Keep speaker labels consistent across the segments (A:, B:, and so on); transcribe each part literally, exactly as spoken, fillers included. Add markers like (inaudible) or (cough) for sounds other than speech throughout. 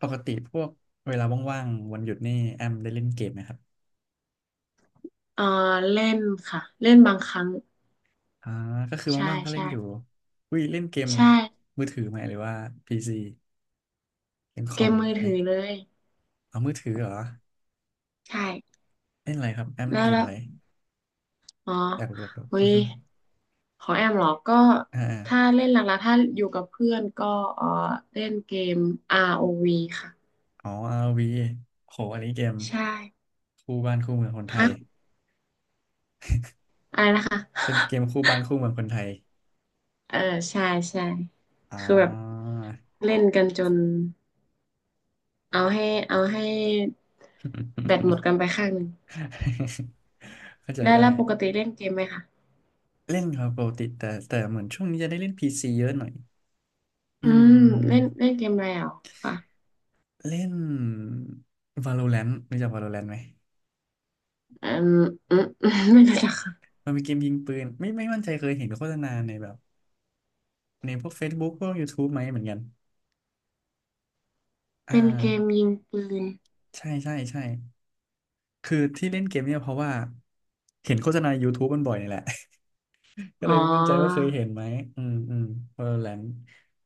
A: ปกติพวกเวลาว่างๆวันหยุดนี่แอมได้เล่นเกมไหมครับ
B: เออเล่นค่ะเล่นบางครั้ง
A: อ่าก็คือ
B: ใช่
A: ว่างๆก็เล่
B: ใช่
A: นอยู่อุ้ยเล่นเกม
B: ใช่
A: มือถือไหมหรือว่าพีซีเกมค
B: เก
A: อม
B: มมือ
A: ไหม
B: ถือเลย
A: เอามือถือเหรอ
B: ใช่
A: เล่นอะไรครับแอมเล่
B: แล้
A: น
B: ว
A: เกม
B: แล้ว
A: อะไร
B: อ๋อ
A: อยากรู้อยากรู้
B: เฮ้
A: อือ
B: ย
A: ฮึ
B: ของแอมเหรอก็
A: อ่าอ
B: ถ้า
A: า
B: เล่นหลักๆถ้าอยู่กับเพื่อนก็เออเล่นเกม อาร์ โอ วี ค่ะ
A: อ๋อ r โหอันนี้เกม
B: ใช่
A: คู่บ้านคู่เมืองคนไท
B: ฮะ
A: ย
B: อะไรนะคะ
A: เป็นเกมคู่บ้านคู่เมืองคนไทย
B: (laughs) เออใช่ใช่
A: อ่
B: คือแบบ
A: า
B: เล่นกันจนเอาให้เอาให้แบตหมดกันไปข้างหนึ่ง
A: (laughs) เข้าใจ
B: ได้
A: ได้
B: แล้วปกติเล่นเกมไหมคะ
A: เล่นครับปกติแต่แต่เหมือนช่วงนี้จะได้เล่นพีซีเยอะหน่อย
B: อื
A: อื
B: มเล่น
A: ม
B: เล่นเกมอะไรอ่ะค่ะ
A: เล่น Valorant รู้จัก Valorant ไหม
B: อืมอืม (laughs) อืมไม่รู้จักค่ะ
A: มันเป็นเกมยิงปืนไม่ไม่มั่นใจเคยเห็นโฆษณาในแบบในพวก Facebook พวก YouTube ไหมเหมือนกันอ่
B: เป็นเกม
A: า
B: ยิงปืน
A: ใช่ใช่ใช่คือที่เล่นเกมเนี่ยเพราะว่าเห็นโฆษณา YouTube มันบ่อยนี่แหละ (laughs) ก็
B: อ๋
A: เล
B: อ
A: ยไม่มั่นใจว่าเคยเห็นไหมอืมอืม Valorant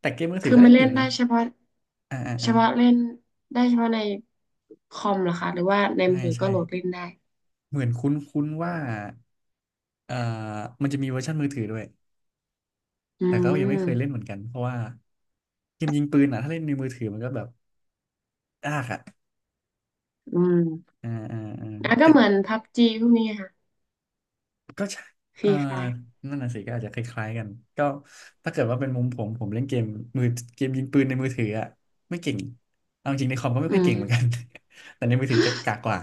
A: แต่เกมมือถือ
B: คือ
A: ก็
B: มั
A: เล่
B: น
A: นอ
B: เล่
A: ยู่
B: น
A: นะ
B: ได้เฉพาะ
A: อ่าอ่า
B: เฉ
A: อ่า
B: พาะเล่นได้เฉพาะในคอมเหรอคะหรือว่าใน
A: ใช่
B: มือถือก็
A: ใช่
B: โหลดเล่นได้
A: เหมือนคุ้นคุ้นว่าเอ่อมันจะมีเวอร์ชันมือถือด้วย
B: อื
A: แต่ก็ยังไม่เคยเล่นเห
B: ม
A: มือนกันเพราะว่าเกมยิงปืนอ่ะถ้าเล่นในมือถือมันก็แบบยากอ่ะ
B: อืม
A: อ่าอ่าอ่า
B: แล้วก็
A: แต่
B: เหมือนพับจีพวกนี้ค่ะ
A: ก็ใช่
B: ฟ
A: เออ
B: รีไฟ
A: นั่นน่ะสิก็อาจจะคล้ายๆกันก็ถ้าเกิดว่าเป็นมุมผมผมเล่นเกมมือเกมยิงปืนในมือถืออ่ะไม่เก่งเอาจริงในคอมก็ไม่
B: อื
A: ค่อย
B: ม
A: เก่งเหมือนกัน (laughs) แต่ในมือถือจะกากกว่า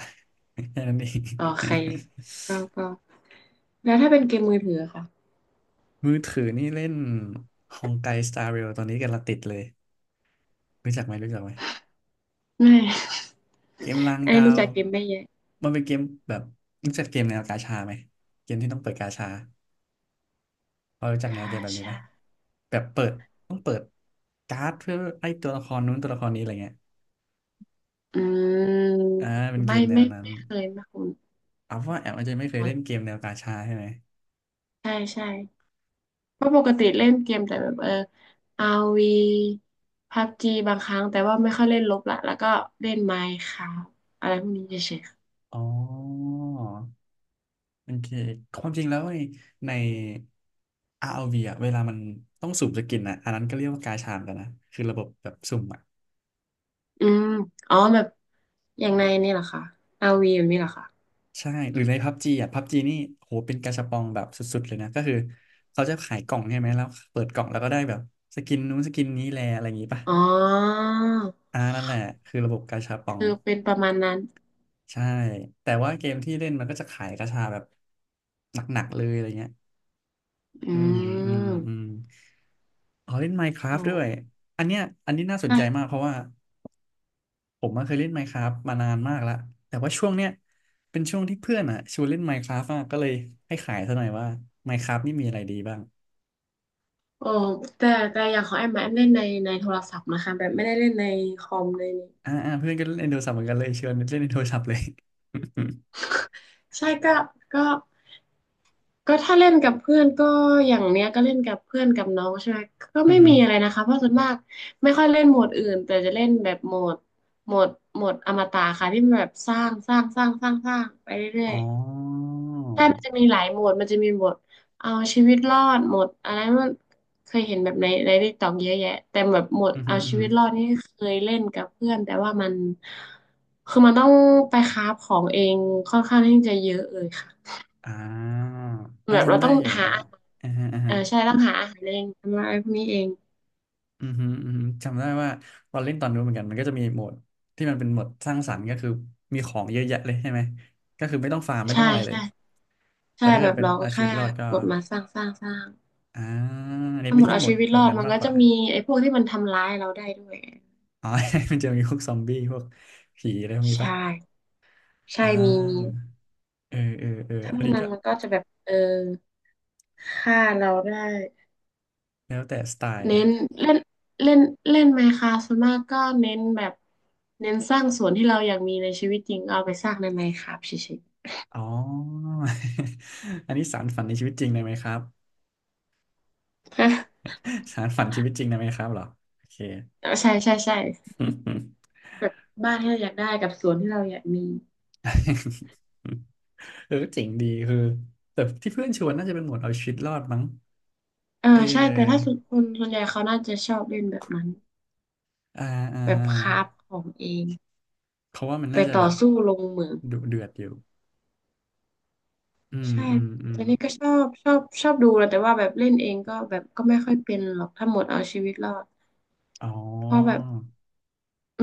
A: (laughs) แค่นั้นเอง
B: โอเคก็ก็แล้วถ้าเป็นเกมมือถืออะค่ะ
A: (laughs) มือถือนี่เล่นฮองไกสตาร์เรลตอนนี้กำลังติดเลยรู้จักไหมรู้จักไหม
B: ไม่
A: เกมลาง
B: (laughs) ไอ้
A: ดา
B: รู้
A: ว
B: จักเกมไม่เยอะ
A: มันเป็นเกมแบบรู้จักเกมแนวกาชาไหมเกมที่ต้องเปิดกาชาพอรู้จักแนว
B: กา
A: เกมแบบนี้ไหม
B: ชา
A: แบบเปิดต้องเปิดการ์ดเพื่อไล่ตัวละครนู้นตัวละครนี้อะไรเงี้ย
B: อืม
A: อ่าเป็นเก
B: ไม่
A: มแน
B: ไม่
A: วนั้น
B: ไม่เคยไม่คุ้น
A: เอาว่าแอมอาจจะไม่เคยเล่นเกมแนวกาชาใช่ไหม
B: ใช่ใช่เพราะปกติเล่นเกมแต่แบบเอออาร์วีพับจีบางครั้งแต่ว่าไม่ค่อยเล่นลบละแล้วก็เล่นไมน์คราฟอะไรพวกนี้เฉยๆค่ะ
A: อ๋อโอเคความจริงแล้วในในอาร์ v อลวีอ่ะเวลามันต้องสุ่มสกินอะอันนั้นก็เรียกว่ากาชาเหมือนกันนะคือระบบแบบสุ่มอะ
B: อืมอ๋อแบบอย่างในนี่เหรอคะอาร์วีแบบนี้เหรอคะ
A: ใช่ หรือในพับจีอ่ะพับจีนี่โหเป็นกาชาปองแบบสุดๆเลยนะ ก็คือเขาจะขายกล่องใช่ไหม แล้วเปิดกล่องแล้วก็ได้แบบสกินนู้นสกินนี้แลอะไรอย่างงี้ป่ะ
B: อ๋อ
A: อ่านั่นแหละคือระบบกาชาปอง
B: คือเป็นประมาณนั้น
A: ใช่ แต่ว่าเกมที่เล่นมันก็จะขายกาชาแบบหนักๆเลยอะไรเงี้ย
B: อื
A: อืมอืมอื
B: ม
A: มอ๋อเล่น
B: โอ้
A: Minecraft ด้วย อันเนี้ยอันนี้น่าสนใจมา
B: ใช่
A: กเพราะว่า ผมมาเคยเล่น Minecraft มานานมากแล้วแต่ว่าช่วงเนี้ยเป็นช่วงที่เพื่อนอ่ะชวนเล่น Minecraft มากก็เลยให้ขายซะหน่อยว่า Minecraft นี่มีอะไรดีบ้าง
B: โอ้แต่แต่อย่างของแอมอะแอมเล่นในในโทรศัพท์นะคะแบบไม่ได้เล่นในคอมเลย
A: อ่าอ่าเพื่อนก็เล่นในโทรศัพท์เหมือนกันเลยชวนเล่นในโทรศัพท์เลย
B: ใช่ก็ก็ ก็ถ้าเล่นกับเพื่อนก็อย่างเนี้ยก็เล่นกับเพื่อนกับน้องใช่ไหมก็
A: (laughs) อื
B: ไม่
A: อหือ
B: มีอะไรนะคะเพราะส่วนมากไม่ค่อยเล่นโหมดอื่นแต่จะเล่นแบบโหมดโหมดโหมดอมตะค่ะที่มันแบบสร้างสร้างสร้างสร้างสร้างไปเรื่อย
A: อ๋อ
B: ๆใช่มันจะมีหลายโหมดมันจะมีโหมดเอาชีวิตรอดโหมดอะไรมันเคยเห็นแบบในในติ๊กต็อกเยอะแยะแต่แบบโหมด
A: อือหื
B: เอา
A: ออือ
B: ชี
A: หื
B: วิ
A: อ
B: ตรอดนี่เคยเล่นกับเพื่อนแต่ว่ามันคือมันต้องไปคราฟของเองค่อนข้างที่จะเยอะเลยค่ะ
A: อ่าเอา
B: แบบเรา
A: จำได้
B: ต้อง
A: อยู่
B: หา
A: อ่ะอ่าฮะอ่า
B: เอ
A: ฮะ
B: อใช่ต้องหาอาหารเองทำอะไรพวกนี้เอง
A: อืมฮึอืมฮึจำได้ว่าตอนเล่นตอนนู้นเหมือนกันมันก็จะมีโหมดที่มันเป็นโหมดสร้างสรรค์ก็คือมีของเยอะแยะเลยใช่ไหมก็คือไม่ต้องฟาร์มไม่ต้อ
B: ใช่
A: งอะไรเลย
B: ใช่
A: แต่
B: ใช่
A: ถ้า
B: แบ
A: เกิด
B: บ
A: เป็น
B: เราก็
A: เอาชี
B: แค่
A: วิตรอดก็
B: กดมาสร้างสร้างสร้าง
A: อ่าอันนี้
B: ถ้าห
A: ไม่
B: มด
A: ที่
B: เอา
A: หมด
B: ชีวิต
A: โหน
B: ร
A: ด
B: อด
A: นั้น
B: มัน
A: มาก
B: ก็
A: ก
B: จะ
A: ว่า
B: มีไอ้พวกที่มันทำร้ายเราได้ด้วย
A: อ๋อ (laughs) มันจะมีพวกซอมบี้พวกผีอะไรพวกนี้ปะ
B: ใช่ใช่
A: อ่
B: มีมี
A: าเออเออเออ
B: ถ้า
A: อั
B: พ
A: น
B: วก
A: นี้
B: นั้
A: ก็
B: นมันก็จะแบบเออฆ่าเราได้
A: แล้วแต่สไตล์
B: เน้
A: นะ
B: นเล่นเล่นเล่นไมน์คราฟต์ส่วนมากก็เน้นแบบเน้นสร้างส่วนที่เราอยากมีในชีวิตจริงเอาไปสร้างในไมน์คราฟต์เฉย
A: อ๋อ (laughs) อันนี้สารฝันในชีวิตจริงได้ไหมครับ
B: ๆฮะ
A: (laughs) สารฝันชีวิตจริงได้ไหมครับเหรอโอเค
B: เออ (laughs) ใช่ใช่ใช่แบบบ้านที่เราอยากได้กับสวนที่เราอยากมี
A: (laughs) เออเจ๋งดีคือแต่ที่เพื่อนชวนน่าจะเป็นหมวดเอาชีวิตรอดมั้ง
B: เออ
A: เ
B: ใช่แต่ถ้า
A: ออ
B: สุดคนส่วนใหญ่เขาน่าจะชอบเล่นแบบนั้น
A: อ่าอ่า
B: แบบ
A: อ่า
B: คราฟของเอง
A: เพราะว่ามัน
B: ไป
A: น่าจะ
B: ต่
A: แบ
B: อ
A: บ
B: สู้ลงมือ
A: ดุเดือดอยู่อืม
B: ใช่
A: อืมอืม
B: แต่นี่ก็ชอบชอบชอบดูนะแต่ว่าแบบเล่นเองก็แบบก็ไม่ค่อยเป็นหรอกถ้าหมดเอาชีวิตรอด
A: อ๋อ
B: เพราะแบบ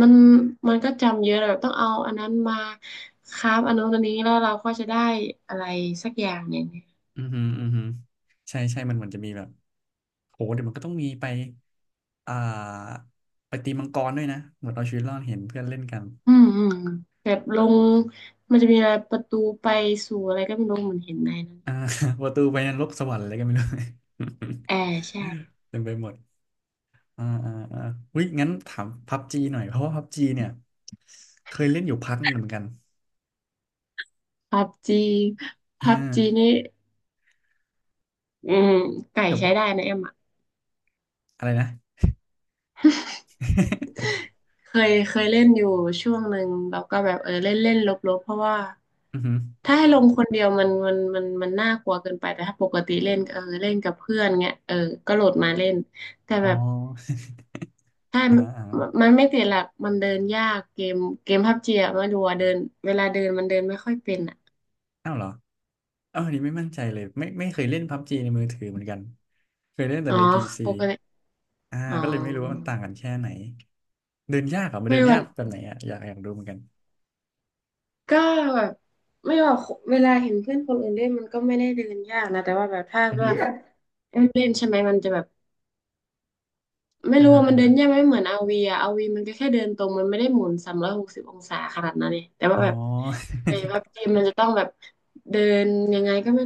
B: มันมันก็จำเยอะแบบต้องเอาอันนั้นมาคราฟอันนู้นอันนี้แล้วเราก็จะได้อะไรสักอย่างหนึ่ง
A: อือหืออือหือใช่ใช่มันเหมือนจะมีแบบโหเดี๋ยวมันก็ต้องมีไป อ่า ไปตีมังกรด้วยนะเหมือนเอาชีวิตรอดเห็นเพื่อนเล่นกัน
B: อืมอืมแบบลงมันจะมีอะไรประตูไปสู่อะไรก็ไม่รู้เหมือนเห็นในนั้น
A: อ่า (laughs) ประตูไปนรกสวรรค์อะไรก็ไม่รู้ (laughs)
B: แอร์ใช่
A: เต็มไปหมดอ่าอ่าอ่าอุ้ยงั้นถามพับจีหน่อย เพราะว่าพับจีเนี่ยเคยเล่นอยู่พักหนึงเหมือนกัน
B: พับจี
A: เอ
B: พับจี
A: อ
B: นี่ อืมไก่
A: แต่
B: ใช้
A: ว่า
B: ได้นะแอมอ่ะ (laughs)
A: อะไรนะ (laughs)
B: เคยเคยเล่นอยู่ช่วงหนึ่งแล้วก็แบบเออเล่นเล่นลบๆเพราะว่า
A: อือหือ
B: ถ้าให้ลงคนเดียวมันมันมันมันน่ากลัวเกินไปแต่ถ้าปกติเล่นเออเล่นกับเพื่อนเงี้ยเออก็โหลดมาเล่นแต่
A: อ๋อ
B: แบบถ้า
A: (laughs) อ่า
B: มันไม่ติดหลักมันเดินยากเกมเกมพับจีอะไม่รู้อะเดินเวลาเดินมันเดินไม่ค่อยเป็นอ่ะ
A: อ้าวเหรออ้าวอันนี้ไม่มั่นใจเลยไม่ไม่เคยเล่นพับจีในมือถือเหมือนกันเคยเล่นแต่
B: อ๋อ
A: ในพีซี
B: ปกติ
A: อ่า
B: อ๋อ
A: ก็เลยไม่รู้ว่ามันต่างกันแค่ไหนเดินยากเหรอมัน
B: ไม่
A: เดิน
B: รู้
A: ยากแบบไหนอ่ะอยากอยากรู้เหมือนกัน
B: ก็แบบไม่ว่าเวลาเห็นเพื่อนคนอื่นเล่นมันก็ไม่ได้เดินยากนะแต่ว่าแบบถ้า
A: อือ
B: เลื
A: ฮึ
B: อกเล่นใช่ไหมมันจะแบบไม่
A: อ่า
B: รู้
A: ฮะ
B: ว่ามั
A: อ่า
B: นเดิ
A: ฮะ
B: นยากไหมเหมือนอาวีอะอาวีมันก็แค่เดินตรงมันไม่ได้หมุนสามร้อยหกสิบองศาขนาดนั้นเลยแต่ว่า
A: อ๋อ
B: แบบในวับเกมมันจะต้องแบบเดินยังไงก็ไม่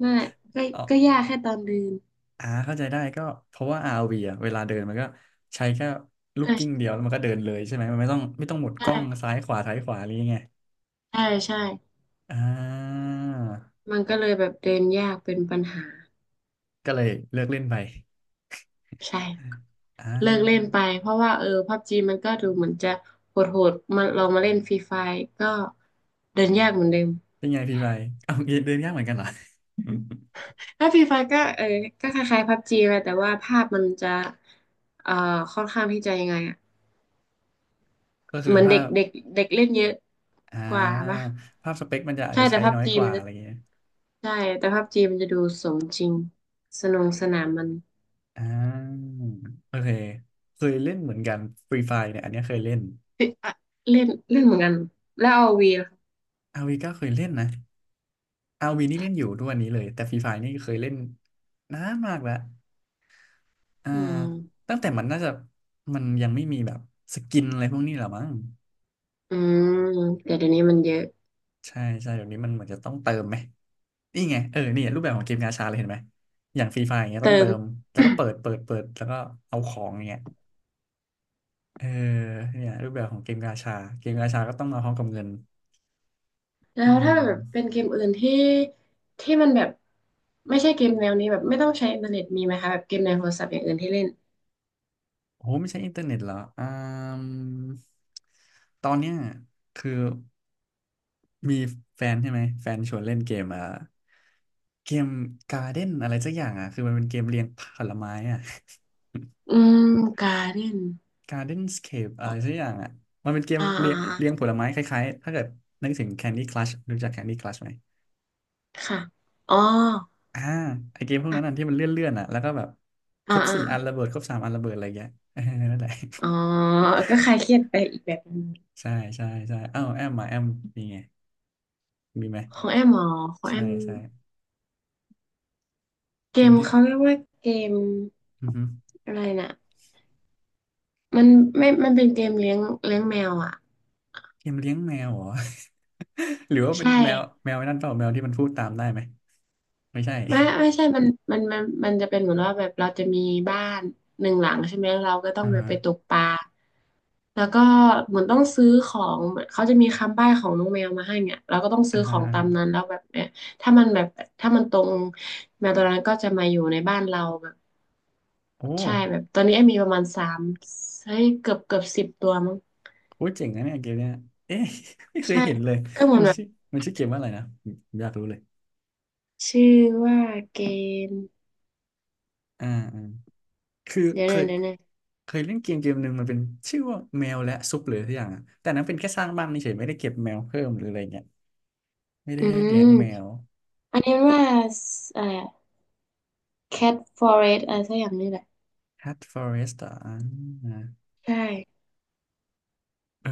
B: ไม่ก็
A: (laughs) อ๋อ
B: ก็ยากแค่ตอนเดิน
A: อ่าเข้าใจได้ก็เพราะว่า r ีอ่ะเวลาเดินมันก็ใช้แค่ลูกกิ้ง
B: อ่ะ
A: เดียวแล้วมันก็เดินเลยใช่ไหมมันไม่ต้องไม่ต้องหมุนกล้อง
B: ใช่
A: ซ้ายขวาซ้ายขวาอะไรยังไง
B: ใช่ใช่
A: อ่า
B: มันก็เลยแบบเดินยากเป็นปัญหา
A: ก็เลยเลิกเล่นไป
B: ใช่
A: อ่
B: เลิกเล่นไป
A: า
B: เพราะว่าเออพับจีมันก็ดูเหมือนจะโหดโหดมาลองมาเล่นฟรีไฟก็เดินยากเหมือนเดิม
A: เป็นไงพี่ไปเอาเดินยากเหมือนกันเหรอ (laughs) อืม
B: ถ้าฟรีไฟก็เออก็คล้ายๆพับจีแหละแต่ว่าภาพมันจะเอ่อค่อนข้างที่จะยังไงอะ
A: ก็คือ
B: เหมือน
A: ภา
B: เด็ก
A: พ
B: เด็กเด็กเล่นเยอะ
A: อ่
B: กว่าปะ
A: าภาพสเปคมันจะอาจ
B: ใช่
A: จะ
B: แต่
A: ใช้
B: พับ
A: น้อย
B: จี
A: ก
B: มั
A: ว่า
B: นจะ
A: อะไรเงี้ย
B: ใช่แต่พับจีมันจะดูสมจริงสนุกสนานมัน
A: อ่าโอเคเคยเล่นเหมือนกันฟรีไฟเนี่ยอันเนี้ยเคยเล่น
B: เอ๊ะอะเล่นเล่นเหมือนกันแล้วเอาวีล่ะคะ
A: อาวีก็เคยเล่นนะอาวีนี่เล่นอยู่ทุกวันนี้เลยแต่ฟรีไฟนี่เคยเล่นนานมากแล้วอ่า
B: อืม
A: ตั้งแต่มันน่าจะมันยังไม่มีแบบสกินอะไรพวกนี้หรอมั้ง
B: อืมแต่เดี๋ยวนี้มันเยอะ
A: ใช่ใช่เดี๋ยวนี้มันเหมือนจะต้องเติมไหมนี่ไงเออนี่รูปแบบของเกมกาชาเลยเห็นไหมอย่างฟรีไฟอย่างเงี้ยต้อง
B: เติ
A: เติ
B: ม
A: มแล้วก็เปิด
B: (coughs)
A: เปิดเปิดแล้วก็เอาของอย่างเงี้ย เออเนี่ยรูปแบบของเกมกาชาเกมกาชาก็ต้องมาพร้อมกับเงิน
B: แล้
A: อื
B: วถ้าแบบเป็น
A: ม
B: เกมอื่นที่ที่มันแบบไม่ใช่เกมแนวนี้แบบไม่ต้องใช้อินเทอร์เน็ตมีไหมคะแบบเกมในโทรศัพท์อย่างอื่นที่เล่น
A: โอ้ไม่ใช่อินเทอร์เน็ตเหรออ่ามตอนเนี้ยคือมีแฟนใช่ไหมแฟนชวนเล่นเกมอ่ะเกมการ์เด้นอะไรสักอย่างอ่ะคือมันเป็นเกมเรียงผลไม้อ่ะ (laughs)
B: อืมการ์เดน
A: g a r d e n นสเค e อะไรสักอย่างอ่ะมันเป็นเกม
B: อ่า
A: เรี
B: อ่า
A: ยงเรียง
B: อ่า
A: ผลไม้คล้ายๆถ้าเกิดนึกถึง Candy Crush รู้จัก Candy Crush ไหม
B: ค่ะอ๋อ
A: อ่าไอเกมพวกนั้นอ่ะที่มันเลื่อนๆอนอ่ะแล้วก็แบบค
B: อ่า
A: รบ
B: อ่า
A: สี่อันระเบิดครบสามอันระเบิดอะไรเงี้ยเออนั่นแหละ
B: อ๋อก็คลายเครียดไปอีกแบบหนึง
A: (laughs) ใช่ใช่ใช่เอ้าแอมมาแอมมีไงมีไหม
B: ของแอมอ๋อของแอ
A: ใช่
B: ม
A: ใช่
B: เก
A: เกม
B: ม
A: ที่
B: เขาเรียกว่าเกม
A: อือฮึ
B: อะไรน่ะมันไม่มันเป็นเกมเลี้ยงเลี้ยงแมวอ่ะ
A: เกมเลี้ยงแมวเหรอ (laughs) หรือว่าเป็น
B: ใช่
A: แมวแมวไอ้นั่นเปล่าแมวที่มันพูดตามได้ไหมไม่ใช่
B: ไม่ไม่ใช่มันมันมันมันจะเป็นเหมือนว่าแบบเราจะมีบ้านหนึ่งหลังใช่ไหมเราก็
A: (laughs)
B: ต้อง
A: อ่า
B: ไป
A: ฮะ
B: ไปตกปลาแล้วก็เหมือนต้องซื้อของเหมือนเขาจะมีคำใบ้ของน้องแมวมาให้เนี่ยเราก็ต้อง
A: อ่า
B: ซื้อข
A: ฮะ
B: อง
A: อ่า
B: ตา
A: ฮะ
B: มนั้นแล้วแบบเนี่ยถ้ามันแบบถ้ามันตรงแมวตัวนั้นก็จะมาอยู่ในบ้านเราแบบ
A: โอ้
B: ใช่
A: โ
B: แบบตอนนี้ไอ้มีประมาณสามเฮ้ยเกือบเกือบสิบตัวมั้ง
A: หเจ๋งนะเนี่ยเกมเนี้ยเอ๊ะ (laughs) ไม่เคย
B: ใช่
A: เห็นเลย
B: ก็เหมือ
A: มั
B: น
A: น
B: แบบ
A: ชื่อมันชื่อเกมว่าอะไรนะผมอยากรู้เลย
B: ชื่อว่าเกม
A: อ่าอ่าคือ
B: เดี๋ยว
A: เค
B: นะ
A: ย
B: เดี๋ยวนะ
A: เคยเล่นเกมเกมหนึ่งมันเป็นชื่อว่าแมวและซุปหรือทุกอย่างอะแต่นั้นเป็นแค่สร้างบ้านเฉยๆไม่ได้เก็บแมวเพิ่มหรืออะไรเงี้ยไม่ได้
B: อื
A: เลี้ยงแม
B: ม
A: ว
B: อันนี้ว่าสอะไร แคทฟอเรสอะไรสักอย่างนี่แหละ
A: Hat Forest อ่ะอ่า
B: ใช่
A: เออ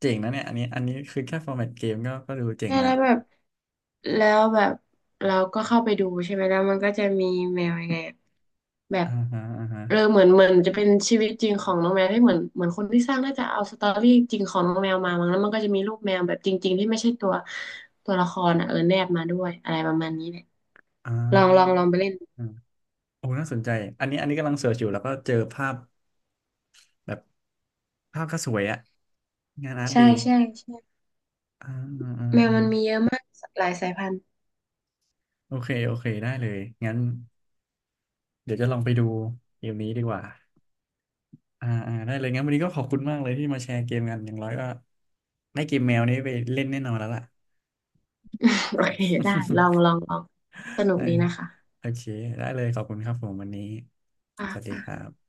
A: เจ๋งนะเนี่ยอันนี้อันนี้คือแค่ฟอร์แมตเกมก็ก็ดูเจ๋ง
B: ใช่
A: แล้ว
B: แล้วแบบแล้วแบบเราก็เข้าไปดูใช่ไหมแล้วมันก็จะมีแมวยังไงอะแบบ
A: อ่าฮะอ่าฮะ
B: เออเหมือนเหมือนจะเป็นชีวิตจริงของน้องแมวที่เหมือนเหมือนคนที่สร้างน่าจะเอาสตอรี่จริงของน้องแมวมามั้งแล้วมันก็จะมีรูปแมวแบบจริงๆที่ไม่ใช่ตัวตัวละครอ่ะเออแนบมาด้วยอะไรประมาณนี้แหละ
A: อ่
B: ลองลองล
A: า
B: องไปเล่น
A: อ่าโอ้น่าสนใจอันนี้อันนี้กำลังเสิร์ชอยู่แล้วก็เจอภาพแบบภาพก็สวยอะงานอาร์ต
B: ใช่
A: ดี
B: ใช่ใช่
A: อ่าอ่าอ่า
B: แมวมันมี
A: อ่า
B: เยอะมากหลายสายพันธุ์
A: โอเคโอเคได้เลยงั้นเดี๋ยวจะลองไปดูเกมนี้ดีกว่า อ่าอ่าได้เลยงั้นวันนี้ก็ขอบคุณมากเลยที่มาแชร์เกมกันอย่างน้อยก็ได้เกมแมวนี้ไปเล่นแน่นอนแล้วล่ะ
B: (laughs) โอเคได้ลอง
A: (laughs)
B: ลองลองสนุก
A: ได้
B: ดีนะคะ
A: โอเคได้เลยขอบคุณครับผมวันนี้
B: ค่
A: สวัสดี
B: ะ
A: ครับ